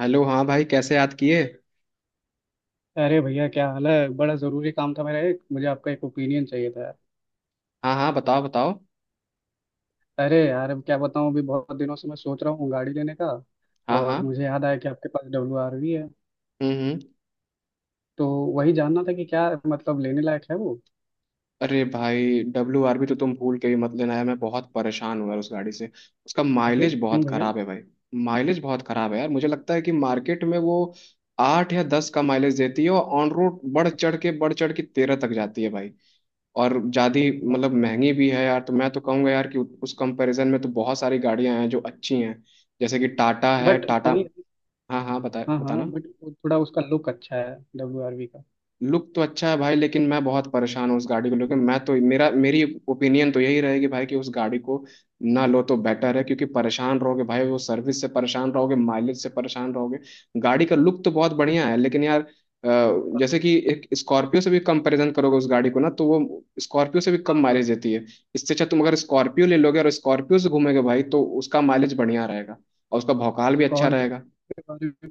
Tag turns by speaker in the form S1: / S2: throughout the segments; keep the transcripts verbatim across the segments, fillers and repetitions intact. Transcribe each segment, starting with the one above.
S1: Hello. हाँ भाई कैसे याद किए।
S2: अरे भैया, क्या हाल है। बड़ा ज़रूरी काम था। मेरा एक मुझे आपका एक ओपिनियन चाहिए था।
S1: हाँ हाँ बताओ बताओ।
S2: अरे यार, अब क्या बताऊँ। अभी बहुत दिनों से मैं सोच रहा हूँ गाड़ी लेने का।
S1: हाँ हाँ
S2: और मुझे याद आया कि आपके पास डब्ल्यू आर वी है।
S1: हम्म हम्म।
S2: तो वही जानना था कि क्या मतलब लेने लायक है वो।
S1: अरे भाई डब्ल्यू आर बी तो तुम भूल के भी मत लेना यार, मैं बहुत परेशान हूँ यार उस गाड़ी से। उसका
S2: अरे
S1: माइलेज
S2: क्यों
S1: बहुत
S2: भैया।
S1: खराब है भाई। माइलेज बहुत खराब है यार, मुझे लगता है कि मार्केट में वो आठ या दस का माइलेज देती है और ऑन रोड बढ़ चढ़ के बढ़ चढ़ के तेरह तक जाती है भाई। और ज़्यादा मतलब महंगी भी है यार, तो मैं तो कहूँगा यार कि उस कंपैरिजन में तो बहुत सारी गाड़ियां हैं जो अच्छी हैं, जैसे कि टाटा है
S2: बट
S1: टाटा।
S2: यही
S1: हाँ हाँ, बता
S2: हाँ हाँ,
S1: बताना।
S2: बट थोड़ा उसका लुक अच्छा है डब्ल्यू आर वी का।
S1: लुक तो अच्छा है भाई, लेकिन मैं बहुत परेशान हूँ उस गाड़ी को लेकर। मैं तो मेरा मेरी ओपिनियन तो यही रहेगी भाई कि उस गाड़ी को ना लो तो बेटर है, क्योंकि परेशान रहोगे भाई, वो सर्विस से परेशान रहोगे, माइलेज से परेशान रहोगे। गाड़ी का लुक तो बहुत बढ़िया है लेकिन यार अ, जैसे कि एक स्कॉर्पियो से भी कंपैरिजन करोगे उस गाड़ी को ना, तो वो स्कॉर्पियो से भी कम
S2: हाँ
S1: माइलेज देती है। इससे अच्छा तुम अगर स्कॉर्पियो ले लोगे और स्कॉर्पियो से घूमोगे भाई, तो उसका माइलेज बढ़िया रहेगा और उसका भौकाल भी अच्छा
S2: स्कॉर्पियो
S1: रहेगा।
S2: के बारे में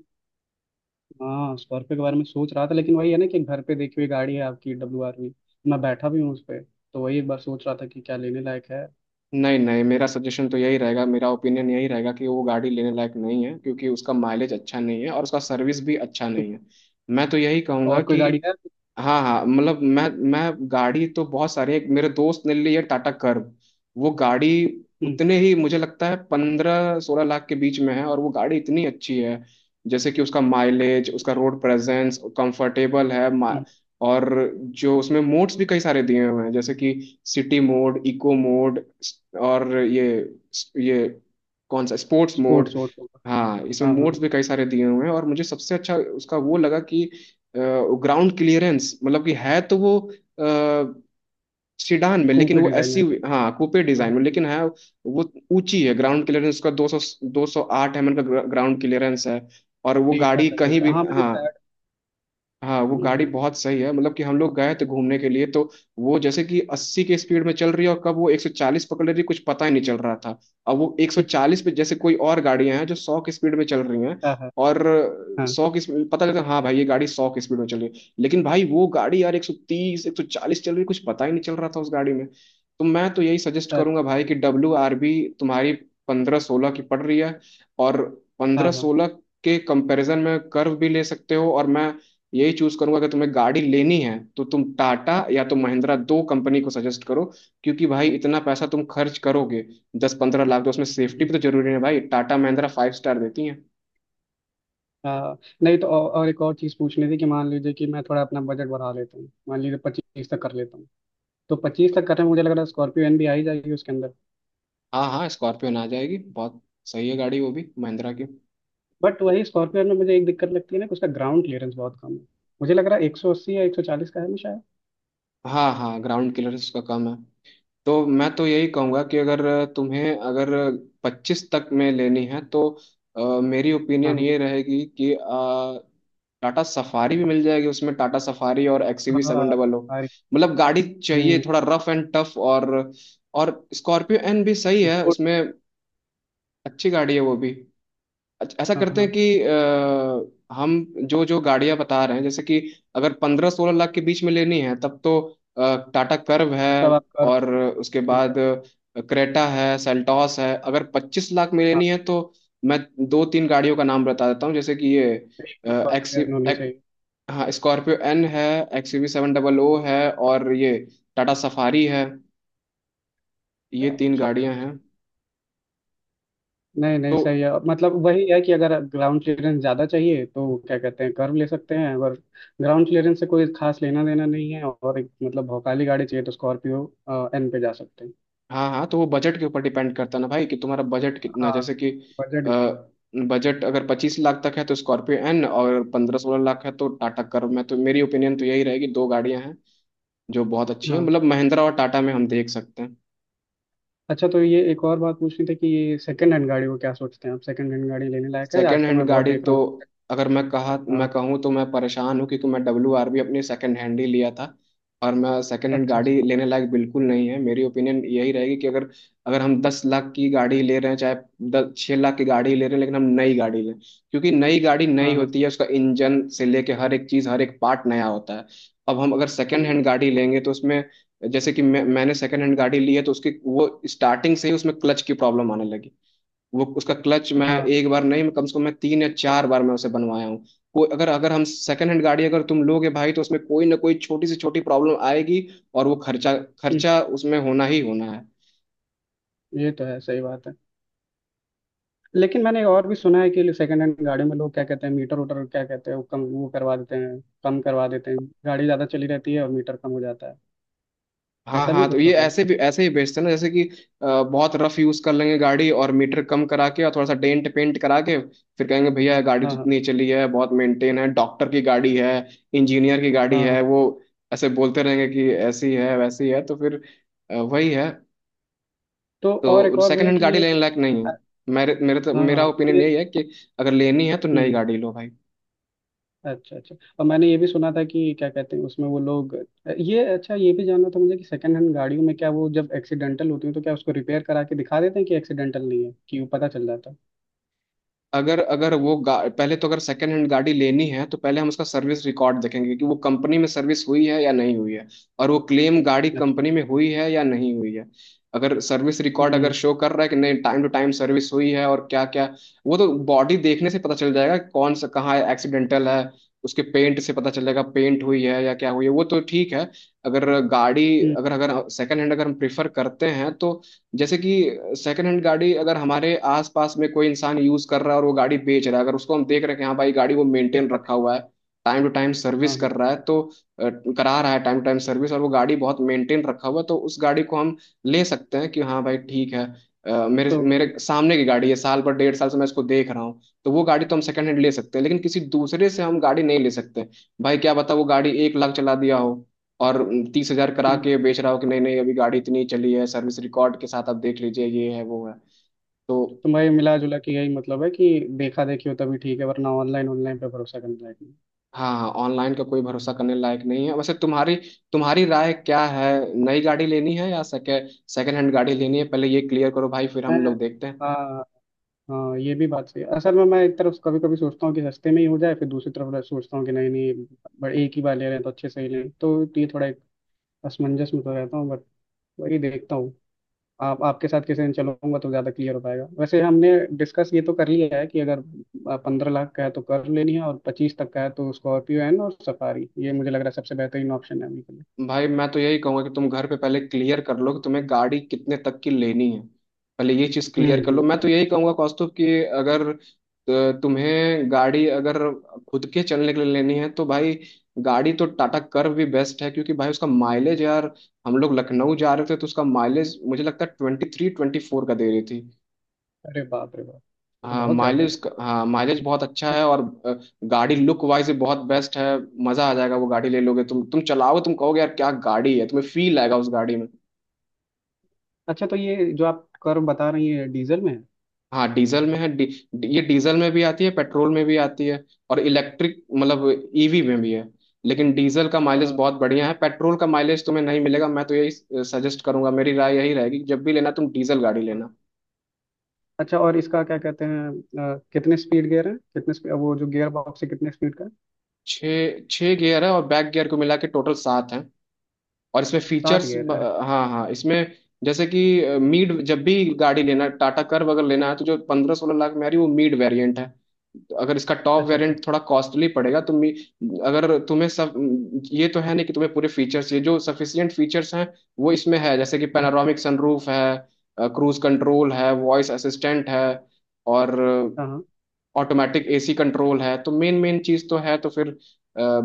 S2: हाँ, स्कॉर्पियो के बारे में सोच रहा था, लेकिन वही है ना कि घर पे देखी हुई गाड़ी है आपकी डब्ल्यू आर वी। मैं बैठा भी हूँ उस पर, तो वही एक बार सोच रहा था कि क्या लेने लायक है।
S1: नहीं नहीं, मेरा सजेशन तो यही रहेगा, मेरा ओपिनियन यही रहेगा कि वो गाड़ी लेने लायक नहीं है, क्योंकि उसका माइलेज अच्छा नहीं है और उसका सर्विस भी अच्छा
S2: तो
S1: नहीं है। मैं तो यही कहूंगा
S2: और कोई
S1: कि
S2: गाड़ी है।
S1: हाँ हाँ, मतलब मैं मैं गाड़ी तो बहुत सारे, एक मेरे दोस्त ने ली है टाटा कर्व। वो गाड़ी
S2: हम्म।
S1: उतने ही मुझे लगता है पंद्रह सोलह लाख के बीच में है, और वो गाड़ी इतनी अच्छी है, जैसे कि उसका माइलेज, उसका
S2: अच्छा।
S1: रोड प्रेजेंस कंफर्टेबल है।
S2: हम्म।
S1: और जो उसमें मोड्स भी कई सारे दिए हुए हैं, जैसे कि सिटी मोड, इको मोड, और ये ये कौन सा स्पोर्ट्स मोड।
S2: स्पोर्ट्स वोर्ट्स होगा।
S1: हाँ इसमें
S2: हाँ हाँ।
S1: मोड्स भी कई सारे दिए हुए हैं, और मुझे सबसे अच्छा उसका वो लगा कि ग्राउंड क्लियरेंस, मतलब कि है तो वो सीडान में, लेकिन
S2: कूपे
S1: वो
S2: डिजाइन
S1: एससी,
S2: में।
S1: हाँ कूपे
S2: हाँ।
S1: डिजाइन में लेकिन है वो। ऊंची है, ग्राउंड क्लियरेंस उसका दो सौ, दो सौ आठ एमएम का ग्राउंड क्लियरेंस है। और वो
S2: देखा
S1: गाड़ी
S2: था,
S1: कहीं
S2: देखा
S1: भी,
S2: हाँ, मैंने
S1: हाँ।
S2: शायद।
S1: हाँ वो
S2: हम्म,
S1: गाड़ी
S2: हम्म।
S1: बहुत सही है, मतलब कि हम लोग गए थे घूमने के लिए, तो वो जैसे कि अस्सी के स्पीड में चल रही है और कब वो एक सौ चालीस पकड़ ले रही है, कुछ पता ही नहीं चल रहा था। अब वो एक सौ चालीस पे, जैसे कोई और गाड़ियां हैं जो सौ की स्पीड में चल रही हैं,
S2: हाँ हाँ।
S1: और
S2: हाँ।
S1: सौ की स्पीड पता लगता है, हाँ भाई ये गाड़ी सौ की स्पीड में चल रही है, लेकिन भाई वो गाड़ी यार एक सौ तीस एक सौ चालीस चल रही है, कुछ पता ही नहीं चल रहा था उस गाड़ी में। तो मैं तो यही सजेस्ट करूंगा
S2: अच्छा।
S1: भाई कि डब्ल्यू आर बी तुम्हारी पंद्रह सोलह की पड़ रही है, और
S2: हाँ
S1: पंद्रह
S2: हाँ।
S1: सोलह के कंपैरिजन में कर्व भी ले सकते हो, और मैं यही चूज करूंगा कि तुम्हें गाड़ी लेनी है तो तुम टाटा या तो महिंद्रा, दो कंपनी को सजेस्ट करो, क्योंकि भाई इतना पैसा तुम खर्च करोगे, दस पंद्रह लाख, तो उसमें सेफ्टी भी
S2: हम्म।
S1: तो जरूरी है भाई, टाटा महिंद्रा फाइव स्टार देती है।
S2: हाँ। नहीं तो, और, और एक और चीज़ पूछनी थी कि मान लीजिए कि मैं थोड़ा अपना बजट बढ़ा लेता हूँ, मान लीजिए पच्चीस तक कर लेता हूँ। तो पच्चीस तक करने में मुझे लग रहा है स्कॉर्पियो एन भी आ ही जाएगी उसके अंदर।
S1: हाँ हाँ स्कॉर्पियो आ जाएगी, बहुत सही है गाड़ी, वो भी महिंद्रा की।
S2: बट वही, स्कॉर्पियो एन में मुझे एक दिक्कत लगती है ना कि उसका ग्राउंड क्लियरेंस बहुत कम है। मुझे लग रहा है एक सौ अस्सी या एक सौ चालीस का है ना शायद।
S1: हाँ हाँ, ग्राउंड क्लियरेंस उसका कम है, तो मैं तो यही कहूंगा कि अगर तुम्हें अगर पच्चीस तक में लेनी है तो अ, मेरी
S2: हाँ
S1: ओपिनियन
S2: हाँ
S1: ये रहेगी कि अ, टाटा सफारी भी मिल जाएगी उसमें, टाटा सफारी और एक्सयूवी
S2: हाँ।
S1: सेवन
S2: हाँ।
S1: Double O.
S2: अरे।
S1: मतलब गाड़ी चाहिए
S2: हम्म।
S1: थोड़ा रफ एंड टफ, और और स्कॉर्पियो एन भी सही है
S2: good।
S1: उसमें। अच्छी गाड़ी है वो भी। अच्छा, ऐसा
S2: हाँ
S1: करते हैं
S2: हाँ।
S1: कि अ, हम जो जो गाड़ियां बता रहे हैं, जैसे कि अगर पंद्रह सोलह लाख के बीच में लेनी है तब तो अ, टाटा कर्व है,
S2: तब आप
S1: और उसके
S2: ठीक
S1: बाद
S2: है।
S1: क्रेटा है, सेल्टॉस है। अगर पच्चीस लाख में
S2: हाँ।
S1: लेनी है तो मैं दो तीन गाड़ियों का नाम बता देता हूँ, जैसे कि ये
S2: एक तो
S1: अ, एक्स
S2: स्कॉर्पियन होनी
S1: एक,
S2: चाहिए।
S1: हाँ स्कॉर्पियो एन है, X V seven double O
S2: हाँ।
S1: है, और ये टाटा सफारी है, ये
S2: अच्छा
S1: तीन
S2: अच्छा
S1: गाड़ियां
S2: अच्छा।
S1: हैं।
S2: नहीं नहीं,
S1: तो
S2: सही है। मतलब वही है कि अगर ग्राउंड क्लियरेंस ज़्यादा चाहिए तो क्या कहते हैं, कर्व ले सकते हैं। अगर ग्राउंड क्लियरेंस से कोई खास लेना देना नहीं है और एक मतलब भौकाली गाड़ी चाहिए तो स्कॉर्पियो एन पे जा सकते हैं।
S1: हाँ हाँ, तो वो बजट के ऊपर डिपेंड करता है ना भाई, कि तुम्हारा बजट कितना,
S2: हाँ।
S1: जैसे कि
S2: बजट भी है।
S1: बजट अगर पच्चीस लाख तक है तो स्कॉर्पियो एन, और पंद्रह सोलह लाख है तो टाटा कर्व, में तो मेरी ओपिनियन तो यही रहेगी, दो गाड़ियां हैं जो बहुत अच्छी हैं,
S2: हाँ।
S1: मतलब महिंद्रा और टाटा में हम देख सकते हैं।
S2: अच्छा, तो ये एक और बात पूछनी थी कि ये सेकंड हैंड गाड़ी को क्या सोचते हैं आप। सेकंड हैंड गाड़ी लेने लायक है।
S1: सेकेंड
S2: आजकल
S1: हैंड
S2: मैं बहुत
S1: गाड़ी
S2: देख रहा
S1: तो,
S2: हूँ।
S1: अगर मैं कहा मैं
S2: हाँ।
S1: कहूँ तो मैं परेशान हूँ क्योंकि मैं डब्ल्यू आर बी अपनी सेकेंड हैंड ही लिया था, और मैं, सेकेंड हैंड
S2: अच्छा अच्छा।
S1: गाड़ी लेने लायक बिल्कुल नहीं है, मेरी ओपिनियन यही रहेगी कि अगर अगर हम दस लाख की गाड़ी ले रहे हैं, चाहे दस छः लाख की गाड़ी ले रहे हैं, लेकिन हम नई गाड़ी लें, क्योंकि नई गाड़ी नई
S2: हाँ हाँ।
S1: होती है, उसका इंजन से लेके हर एक चीज़, हर एक पार्ट नया होता है। अब हम अगर सेकेंड
S2: हम्म।
S1: हैंड गाड़ी लेंगे तो उसमें, जैसे कि मैं मैंने सेकेंड हैंड गाड़ी ली है तो उसकी वो स्टार्टिंग से ही उसमें क्लच की प्रॉब्लम आने लगी। वो उसका क्लच मैं
S2: हाँ।
S1: एक बार नहीं, कम से कम मैं तीन या चार बार मैं उसे बनवाया हूँ। कोई अगर अगर हम सेकंड हैंड गाड़ी, अगर तुम लोगे भाई तो उसमें कोई ना कोई छोटी से छोटी प्रॉब्लम आएगी, और वो खर्चा,
S2: हम्म।
S1: खर्चा उसमें होना ही होना है।
S2: ये तो है, सही बात है। लेकिन मैंने और भी सुना है कि सेकंड हैंड गाड़ी में लोग क्या कहते हैं मीटर उटर क्या कहते हैं, वो कम, वो करवा देते हैं, कम करवा देते हैं। गाड़ी ज़्यादा चली रहती है और मीटर कम हो जाता है।
S1: हाँ
S2: ऐसा भी
S1: हाँ, तो
S2: कुछ
S1: ये
S2: होता है।
S1: ऐसे भी ऐसे ही बेचते हैं ना, जैसे कि अ, बहुत रफ यूज कर लेंगे गाड़ी और मीटर कम करा के, और थोड़ा सा डेंट पेंट करा के, फिर कहेंगे भैया ये गाड़ी तो
S2: हाँ हाँ।
S1: इतनी चली है, बहुत मेंटेन है, डॉक्टर की गाड़ी है, इंजीनियर की गाड़ी
S2: हाँ हाँ।
S1: है वो। ऐसे बोलते रहेंगे कि ऐसी है वैसी है, तो फिर अ, वही है।
S2: तो और एक
S1: तो
S2: और
S1: सेकंड
S2: भैया
S1: हैंड
S2: कि
S1: गाड़ी
S2: ये।
S1: लेने लायक नहीं है,
S2: अ-
S1: मेरे मेरे तो
S2: हाँ
S1: मेरा
S2: हाँ,
S1: ओपिनियन
S2: ये।
S1: यही है कि अगर लेनी है तो नई
S2: हम्म।
S1: गाड़ी लो भाई।
S2: अच्छा अच्छा। और मैंने ये भी सुना था कि क्या कहते हैं उसमें वो लोग। ये अच्छा, ये भी जानना था मुझे कि सेकंड हैंड गाड़ियों में क्या वो जब एक्सीडेंटल होती है तो क्या उसको रिपेयर करा के दिखा देते हैं कि एक्सीडेंटल नहीं है, कि वो पता चल जाता है।
S1: अगर अगर वो गा- पहले तो, अगर सेकंड हैंड गाड़ी लेनी है तो पहले हम उसका सर्विस रिकॉर्ड देखेंगे कि वो कंपनी में सर्विस हुई है या नहीं हुई है, और वो क्लेम गाड़ी
S2: अच्छा।
S1: कंपनी में हुई है या नहीं हुई है। अगर सर्विस रिकॉर्ड
S2: हम्म।
S1: अगर शो कर रहा है कि नहीं, टाइम टू टाइम सर्विस हुई है और क्या क्या, वो तो बॉडी देखने से पता चल जाएगा कि कौन सा कहाँ एक्सीडेंटल है, उसके पेंट से पता चल जाएगा पेंट हुई है या क्या हुई है, वो तो ठीक है। अगर गाड़ी,
S2: हम्म।
S1: अगर अगर सेकंड हैंड अगर हम प्रेफर करते हैं तो जैसे कि सेकंड हैंड गाड़ी, अगर हमारे आसपास में कोई इंसान यूज कर रहा है और वो गाड़ी बेच रहा है, अगर उसको हम देख रहे हैं कि हाँ भाई गाड़ी को मेंटेन
S2: देखा
S1: रखा
S2: देखा।
S1: हुआ है, टाइम टू टाइम सर्विस
S2: हाँ हाँ।
S1: कर रहा है, तो अ, करा रहा है टाइम टू टाइम सर्विस, और वो गाड़ी बहुत मेंटेन रखा हुआ है, तो उस गाड़ी को हम ले सकते हैं कि हाँ भाई ठीक है। अ, मेरे
S2: तो।
S1: मेरे सामने की गाड़ी है, साल भर डेढ़ साल से मैं इसको देख रहा हूँ, तो वो गाड़ी तो हम सेकंड हैंड ले सकते हैं, लेकिन किसी दूसरे से हम गाड़ी नहीं ले सकते। भाई क्या पता वो गाड़ी एक लाख चला दिया हो, और तीस हजार करा
S2: हम्म।
S1: के बेच रहा हो कि नहीं नहीं, अभी गाड़ी इतनी चली है, सर्विस रिकॉर्ड के साथ आप देख लीजिए, ये है वो है। तो
S2: तो भाई, मिला जुला के यही मतलब है कि देखा देखी हो तभी ठीक है, वरना ऑनलाइन, ऑनलाइन पे भरोसा करना है।
S1: हाँ हाँ, ऑनलाइन का कोई भरोसा करने लायक नहीं है, वैसे तुम्हारी तुम्हारी राय क्या है, नई गाड़ी लेनी है या सेकेंड, सेकेंड हैंड गाड़ी लेनी है, पहले ये क्लियर करो भाई, फिर
S2: मैं
S1: हम लोग देखते हैं।
S2: हाँ हाँ, ये भी बात सही है। असल में मैं एक तरफ कभी कभी सोचता हूँ कि सस्ते में ही हो जाए, फिर दूसरी तरफ सोचता हूँ कि नहीं नहीं, बट एक ही बार ले रहे हैं तो अच्छे से ही लें। तो ये थोड़ा एक असमंजस में तो रहता हूँ। बट वही देखता हूँ। आप आपके साथ किसी दिन चलूंगा तो ज़्यादा क्लियर हो पाएगा। वैसे हमने डिस्कस ये तो कर लिया है कि अगर पंद्रह लाख का है तो कर लेनी है, और पच्चीस तक का है तो स्कॉर्पियो एन और सफारी, ये मुझे लग रहा है सबसे बेहतरीन ऑप्शन है अभी के लिए।
S1: भाई मैं तो यही कहूंगा कि तुम घर पे पहले क्लियर कर लो कि तुम्हें गाड़ी कितने तक की लेनी है, पहले ये चीज क्लियर कर लो।
S2: हम्म।
S1: मैं तो यही कहूंगा कौस्तुभ कि अगर अ, तुम्हें गाड़ी अगर खुद के चलने के लिए लेनी है, तो भाई गाड़ी तो टाटा कर्व भी बेस्ट है, क्योंकि भाई उसका माइलेज यार, हम लोग लखनऊ जा रहे थे तो उसका माइलेज मुझे लगता है ट्वेंटी थ्री ट्वेंटी फोर का दे रही थी।
S2: अरे बाप रे बाप, ये तो
S1: हाँ
S2: बहुत ज्यादा है।
S1: माइलेज, हाँ माइलेज बहुत अच्छा
S2: अच-
S1: है, और अ, गाड़ी लुक वाइज भी बहुत बेस्ट है, मजा आ जाएगा वो गाड़ी ले लोगे, तुम तुम चलाओगे तुम कहोगे यार क्या गाड़ी है, तुम्हें फील आएगा उस गाड़ी में।
S2: अच्छा, तो ये जो आप कर्व बता रही है डीजल में है।
S1: हाँ डीजल में है, डी, डी- ये डीजल में भी आती है, पेट्रोल में भी आती है, और इलेक्ट्रिक मतलब ईवी में भी है, लेकिन डीजल का माइलेज
S2: अ,
S1: बहुत बढ़िया है, पेट्रोल का माइलेज तुम्हें नहीं मिलेगा, मैं तो यही सजेस्ट करूंगा, मेरी राय यही रहेगी कि जब भी लेना तुम डीजल गाड़ी लेना।
S2: अच्छा, और इसका क्या कहते हैं। अ, कितने स्पीड गियर है, कितने स्पीड, वो जो गियर बॉक्स है कितने स्पीड का है?
S1: छः छः गियर है, और बैक गियर को मिला के टोटल सात है, और इसमें
S2: सात
S1: फीचर्स,
S2: गियर, अरे।
S1: हाँ हाँ इसमें जैसे कि मीड, जब भी गाड़ी लेना, टाटा कर्व अगर लेना है, तो जो पंद्रह सोलह लाख में आ रही है वो मीड वेरिएंट है। तो अगर इसका टॉप
S2: अच्छा अच्छा।
S1: वेरिएंट थोड़ा कॉस्टली पड़ेगा तो मी, अगर तुम्हें सब, ये तो है नहीं कि तुम्हें पूरे फीचर्स, ये जो सफिशियंट फीचर्स हैं वो इसमें है, जैसे कि
S2: हम्म।
S1: पैनारोमिक सनरूफ है, क्रूज कंट्रोल है, वॉइस असिस्टेंट है, और
S2: हाँ हाँ।
S1: ऑटोमेटिक एसी कंट्रोल है, तो मेन मेन चीज़ तो है, तो फिर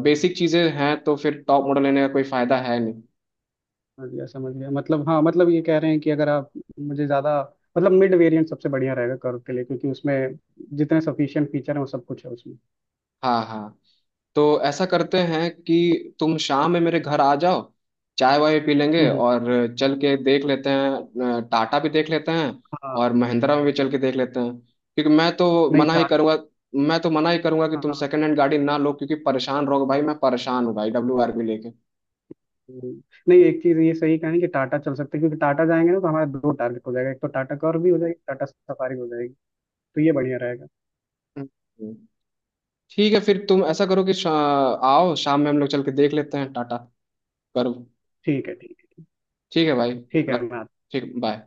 S1: बेसिक चीज़ें हैं, तो फिर टॉप मॉडल लेने का कोई फायदा है नहीं।
S2: समझ गया, समझ गया। मतलब हाँ, मतलब ये कह रहे हैं कि अगर आप मुझे ज्यादा मतलब मिड वेरिएंट सबसे बढ़िया रहेगा कर्व के लिए, क्योंकि उसमें जितने सफिशिएंट फीचर हैं वो सब कुछ है उसमें।
S1: हाँ हाँ, तो ऐसा करते हैं कि तुम शाम में मेरे घर आ जाओ, चाय वाय पी
S2: हम्म।
S1: लेंगे
S2: हम्म।
S1: और चल के देख लेते हैं, अ, टाटा भी देख लेते हैं,
S2: हाँ।
S1: और महिंद्रा में भी चल के देख लेते हैं, क्योंकि मैं तो
S2: नहीं
S1: मना ही
S2: टा
S1: करूँगा, मैं तो मना ही करूँगा कि तुम सेकंड हैंड गाड़ी ना लो, क्योंकि परेशान रहोगे भाई, मैं परेशान हूँ भाई डब्ल्यू आर भी लेके।
S2: हम्म। नहीं, एक चीज ये सही कहें कि टाटा चल सकते हैं, क्योंकि टाटा जाएंगे ना तो हमारा दो टारगेट हो जाएगा, एक तो टाटा कर्व भी हो जाएगी, टाटा सफारी हो जाएगी। तो ये बढ़िया रहेगा।
S1: हम्म। हम्म। ठीक है फिर तुम ऐसा करो कि शा, आओ शाम में हम लोग चल के देख लेते हैं टाटा, करो।
S2: ठीक है ठीक है।
S1: ठीक है भाई।
S2: ठीक है,
S1: रख,
S2: मैं आता हूँ।
S1: ठीक, बाय।